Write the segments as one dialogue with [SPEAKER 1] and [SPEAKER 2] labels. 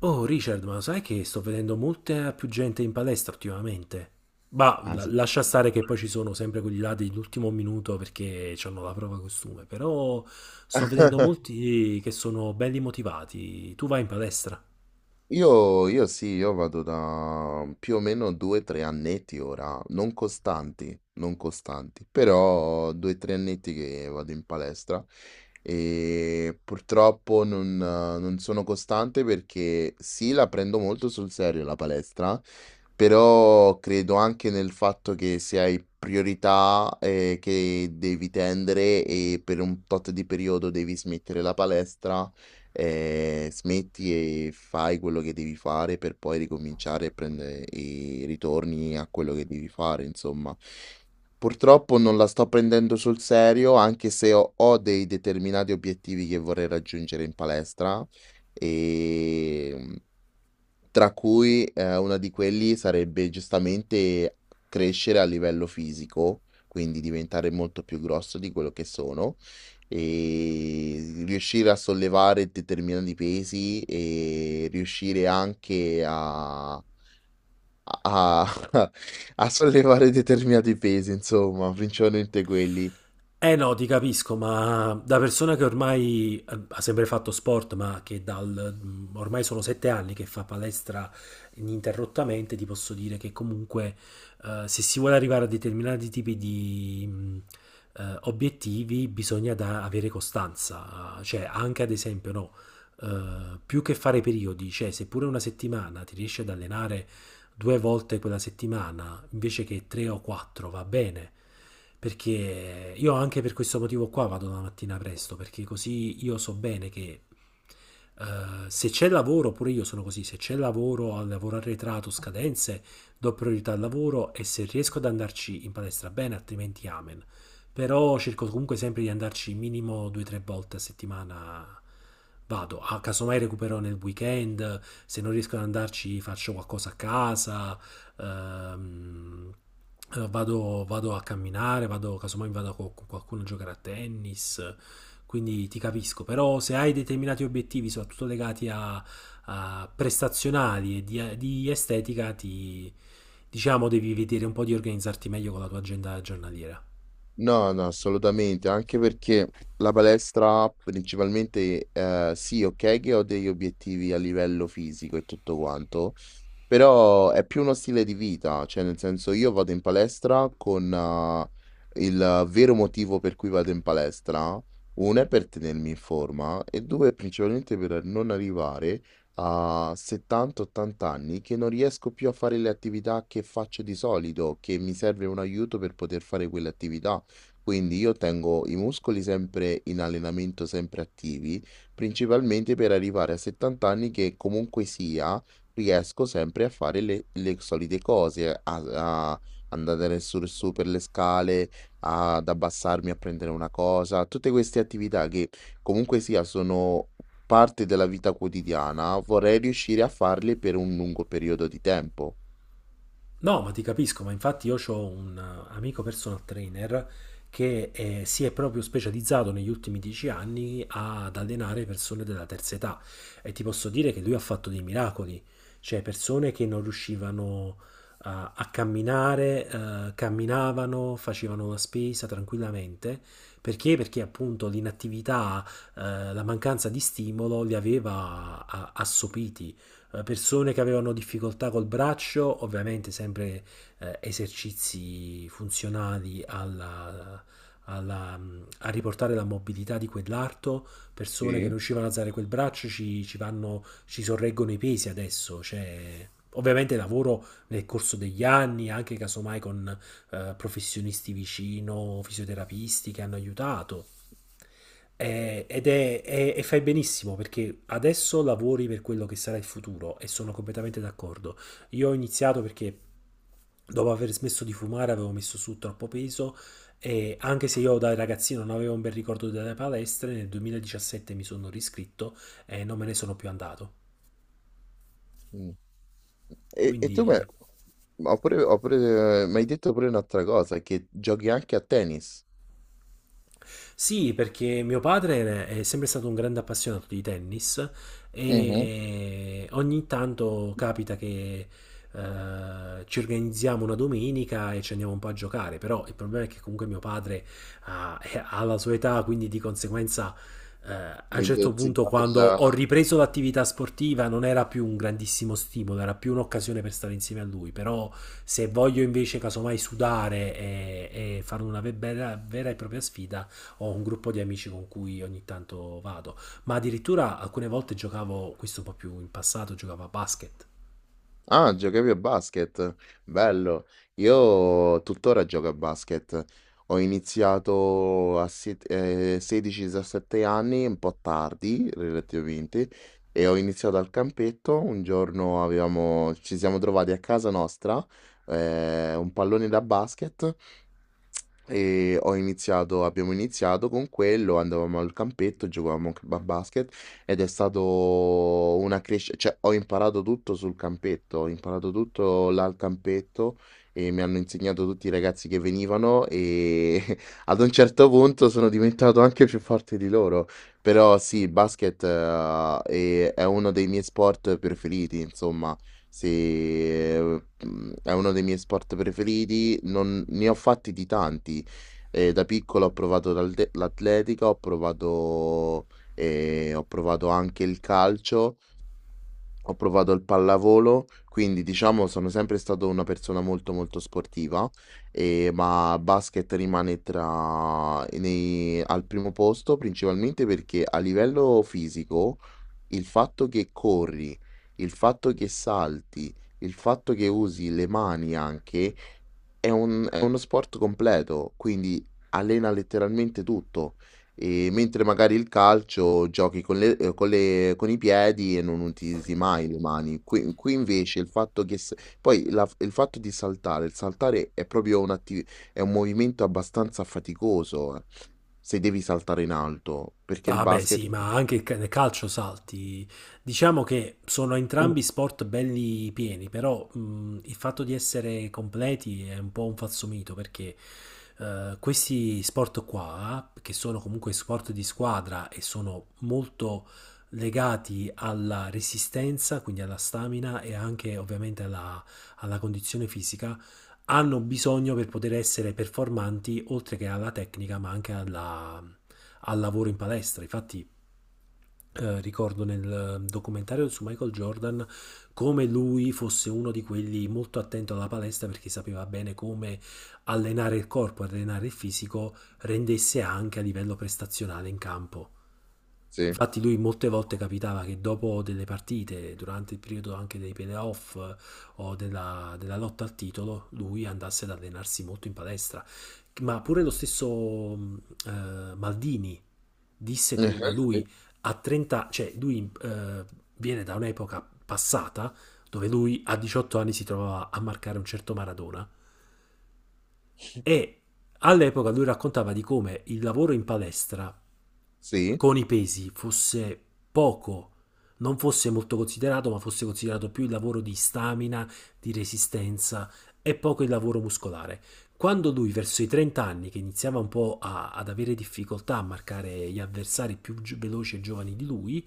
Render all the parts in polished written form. [SPEAKER 1] Oh Richard, ma sai che sto vedendo molta più gente in palestra ultimamente? Ma
[SPEAKER 2] Ah, sì.
[SPEAKER 1] lascia stare che poi ci sono sempre quelli là dell'ultimo minuto perché hanno la prova costume, però sto vedendo molti che sono belli motivati. Tu vai in palestra?
[SPEAKER 2] Io sì, io vado da più o meno 2 o 3 annetti ora, non costanti, non costanti, però 2 o 3 annetti che vado in palestra e purtroppo non sono costante perché sì, la prendo molto sul serio la palestra, però credo anche nel fatto che se hai priorità che devi tendere e per un tot di periodo devi smettere la palestra. Smetti e fai quello che devi fare per poi ricominciare e prende e ritorni a quello che devi fare, insomma. Purtroppo non la sto prendendo sul serio, anche se ho dei determinati obiettivi che vorrei raggiungere in palestra e tra cui, una di quelli sarebbe giustamente crescere a livello fisico, quindi diventare molto più grosso di quello che sono, riuscire a sollevare determinati pesi e riuscire anche a a a sollevare determinati pesi insomma, principalmente quelli.
[SPEAKER 1] Eh no, ti capisco, ma da persona che ormai ha sempre fatto sport, ma che ormai sono 7 anni che fa palestra ininterrottamente, ti posso dire che comunque se si vuole arrivare a determinati tipi di obiettivi bisogna avere costanza, cioè anche ad esempio no, più che fare periodi, cioè seppure una settimana ti riesci ad allenare due volte quella settimana invece che tre o quattro va bene. Perché io anche per questo motivo qua vado la mattina presto, perché così io so bene che eh, se c'è lavoro, pure io sono così, se c'è lavoro, al lavoro arretrato, scadenze, do priorità al lavoro e se riesco ad andarci in palestra bene, altrimenti amen. Però cerco comunque sempre di andarci minimo due o tre volte a settimana. Vado, a casomai recupero nel weekend, se non riesco ad andarci faccio qualcosa a casa, ehm, vado a camminare, vado, casomai vado con qualcuno a giocare a tennis, quindi ti capisco, però se hai determinati obiettivi, soprattutto legati a prestazionali e di estetica, ti, diciamo devi vedere un po' di organizzarti meglio con la tua agenda giornaliera.
[SPEAKER 2] No, no, assolutamente, anche perché la palestra principalmente, sì, ok che ho degli obiettivi a livello fisico e tutto quanto, però è più uno stile di vita, cioè nel senso io vado in palestra con il vero motivo per cui vado in palestra, uno è per tenermi in forma e due è principalmente per non arrivare a 70-80 anni che non riesco più a fare le attività che faccio di solito, che mi serve un aiuto per poter fare quelle attività. Quindi io tengo i muscoli sempre in allenamento, sempre attivi, principalmente per arrivare a 70 anni che comunque sia riesco sempre a fare le solite cose, a andare adesso su per le scale, ad abbassarmi a prendere una cosa, tutte queste attività che comunque sia sono parte della vita quotidiana, vorrei riuscire a farle per un lungo periodo di tempo.
[SPEAKER 1] No, ma ti capisco, ma infatti io ho un amico personal trainer che si è proprio specializzato negli ultimi 10 anni ad allenare persone della terza età e ti posso dire che lui ha fatto dei miracoli, cioè persone che non riuscivano a camminare, camminavano, facevano la spesa tranquillamente. Perché? Perché appunto l'inattività, la mancanza di stimolo li aveva assopiti. Persone che avevano difficoltà col braccio, ovviamente sempre esercizi funzionali alla, a riportare la mobilità di quell'arto, persone che non
[SPEAKER 2] Sì.
[SPEAKER 1] riuscivano a alzare quel braccio ci vanno, ci sorreggono i pesi adesso, cioè ovviamente lavoro nel corso degli anni, anche casomai con professionisti vicino, fisioterapisti che hanno aiutato. E fai benissimo perché adesso lavori per quello che sarà il futuro e sono completamente d'accordo. Io ho iniziato perché dopo aver smesso di fumare avevo messo su troppo peso e anche se io da ragazzino non avevo un bel ricordo delle palestre, nel 2017 mi sono riscritto e non me ne sono più andato.
[SPEAKER 2] Mm. E tu mi
[SPEAKER 1] Quindi.
[SPEAKER 2] ma ho pure- mi hai detto pure un'altra cosa, che giochi anche a tennis.
[SPEAKER 1] Sì, perché mio padre è sempre stato un grande appassionato di tennis
[SPEAKER 2] Mhm.
[SPEAKER 1] e ogni tanto capita che ci organizziamo una domenica e ci andiamo un po' a giocare, però il problema è che comunque mio padre ha, ha la sua età, quindi di conseguenza a un certo punto
[SPEAKER 2] L'intensità
[SPEAKER 1] quando ho
[SPEAKER 2] della.
[SPEAKER 1] ripreso l'attività sportiva non era più un grandissimo stimolo, era più un'occasione per stare insieme a lui, però se voglio invece casomai sudare e fare una vera e propria sfida, ho un gruppo di amici con cui ogni tanto vado, ma addirittura alcune volte giocavo, questo un po' più in passato, giocavo a basket.
[SPEAKER 2] Ah, giocavi a basket? Bello. Io tuttora gioco a basket. Ho iniziato a 16-17 anni, un po' tardi relativamente, e ho iniziato al campetto. Un giorno ci siamo trovati a casa nostra, un pallone da basket e ho iniziato abbiamo iniziato con quello, andavamo al campetto, giocavamo anche a basket ed è stato una crescita, cioè ho imparato tutto là al campetto e mi hanno insegnato tutti i ragazzi che venivano e ad un certo punto sono diventato anche più forte di loro. Però sì, il basket è uno dei miei sport preferiti, insomma, sì, è uno dei miei sport preferiti, non ne ho fatti di tanti. Da piccolo ho provato l'atletica, ho provato anche il calcio, ho provato il pallavolo, quindi diciamo sono sempre stato una persona molto, molto sportiva, ma basket rimane tra nei al primo posto, principalmente perché a livello fisico il fatto che corri, il fatto che salti, il fatto che usi le mani anche, è uno sport completo, quindi allena letteralmente tutto. E mentre magari il calcio giochi con con i piedi e non utilizzi mai le mani. Qui invece il fatto che. Poi il fatto di saltare, il saltare è proprio un'attività, è un movimento abbastanza faticoso se devi saltare in alto, perché il
[SPEAKER 1] Vabbè,
[SPEAKER 2] basket.
[SPEAKER 1] sì, ma anche il nel calcio salti. Diciamo che sono entrambi sport belli pieni, però il fatto di essere completi è un po' un falso mito perché questi sport qua, che sono comunque sport di squadra e sono molto legati alla resistenza, quindi alla stamina e anche ovviamente alla, alla condizione fisica, hanno bisogno per poter essere performanti, oltre che alla tecnica, ma anche alla al lavoro in palestra. Infatti, ricordo nel documentario su Michael Jordan come lui fosse uno di quelli molto attento alla palestra perché sapeva bene come allenare il corpo, allenare il fisico, rendesse anche a livello prestazionale in campo.
[SPEAKER 2] Sì.
[SPEAKER 1] Infatti lui molte volte capitava che dopo delle partite, durante il periodo anche dei playoff o della lotta al titolo, lui andasse ad allenarsi molto in palestra. Ma pure lo stesso Maldini disse
[SPEAKER 2] Eh,
[SPEAKER 1] come lui
[SPEAKER 2] sì,
[SPEAKER 1] a 30, cioè lui viene da un'epoca passata dove lui a 18 anni si trovava a marcare un certo Maradona e all'epoca lui raccontava di come il lavoro in palestra
[SPEAKER 2] sì,
[SPEAKER 1] con i pesi fosse poco, non fosse molto considerato, ma fosse considerato più il lavoro di stamina, di resistenza e poco il lavoro muscolare. Quando lui verso i 30 anni, che iniziava un po' ad avere difficoltà a marcare gli avversari più veloci e giovani di lui,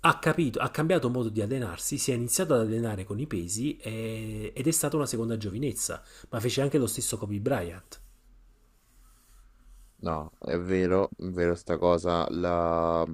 [SPEAKER 1] ha capito, ha cambiato modo di allenarsi, si è iniziato ad allenare con i pesi ed è stata una seconda giovinezza, ma fece anche lo stesso Kobe Bryant.
[SPEAKER 2] no, è vero sta cosa, la-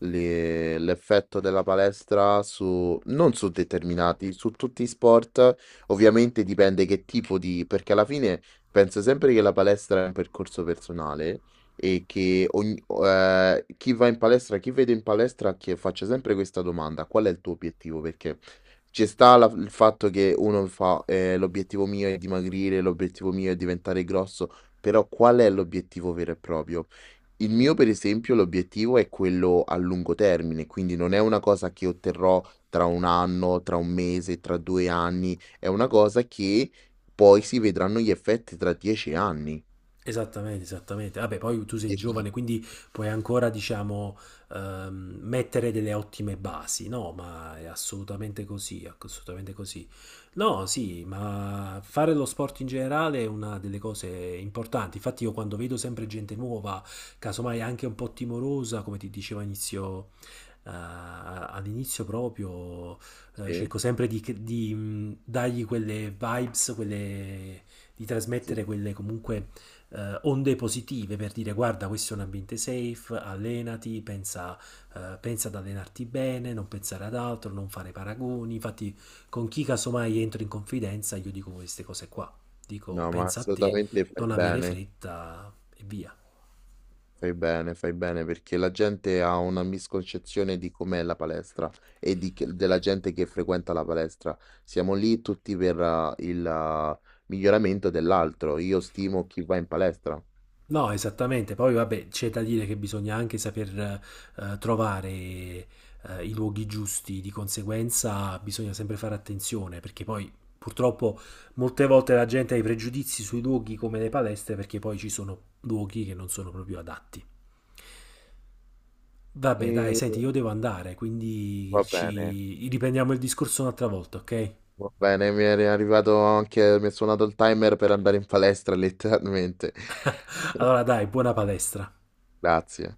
[SPEAKER 2] le- l'effetto della palestra su, non su determinati, su tutti i sport, ovviamente dipende che tipo di, perché alla fine penso sempre che la palestra è un percorso personale e che chi va in palestra, chi vedo in palestra, che faccia sempre questa domanda, qual è il tuo obiettivo? Perché ci sta il fatto che uno fa, l'obiettivo mio è dimagrire, l'obiettivo mio è diventare grosso. Però qual è l'obiettivo vero e proprio? Il mio, per esempio, l'obiettivo è quello a lungo termine, quindi non è una cosa che otterrò tra un anno, tra un mese, tra 2 anni, è una cosa che poi si vedranno gli effetti tra 10 anni.
[SPEAKER 1] Esattamente, esattamente. Vabbè, poi tu sei
[SPEAKER 2] 10 anni.
[SPEAKER 1] giovane, quindi puoi ancora, diciamo, mettere delle ottime basi, no? Ma è assolutamente così, assolutamente così. No, sì, ma fare lo sport in generale è una delle cose importanti. Infatti io quando vedo sempre gente nuova, casomai anche un po' timorosa, come ti dicevo inizio, all'inizio proprio,
[SPEAKER 2] Sì,
[SPEAKER 1] cerco sempre di, dargli quelle vibes, quelle, di trasmettere
[SPEAKER 2] sì.
[SPEAKER 1] quelle comunque onde positive per dire guarda questo è un ambiente safe, allenati, pensa, pensa ad allenarti bene, non pensare ad altro, non fare paragoni. Infatti con chi casomai entro in confidenza io dico queste cose qua. Dico
[SPEAKER 2] No, ma
[SPEAKER 1] pensa a te,
[SPEAKER 2] assolutamente fai
[SPEAKER 1] non avere
[SPEAKER 2] bene.
[SPEAKER 1] fretta e via.
[SPEAKER 2] Fai bene, fai bene perché la gente ha una misconcezione di com'è la palestra e di della gente che frequenta la palestra. Siamo lì tutti per il miglioramento dell'altro. Io stimo chi va in palestra.
[SPEAKER 1] No, esattamente. Poi, vabbè, c'è da dire che bisogna anche saper trovare i luoghi giusti, di conseguenza bisogna sempre fare attenzione, perché poi purtroppo molte volte la gente ha i pregiudizi sui luoghi come le palestre, perché poi ci sono luoghi che non sono proprio adatti. Vabbè, dai,
[SPEAKER 2] E
[SPEAKER 1] senti, io devo andare, quindi
[SPEAKER 2] va bene,
[SPEAKER 1] ci riprendiamo il discorso un'altra volta, ok?
[SPEAKER 2] va bene, mi è suonato il timer per andare in palestra letteralmente.
[SPEAKER 1] Allora, dai, buona palestra.
[SPEAKER 2] Grazie.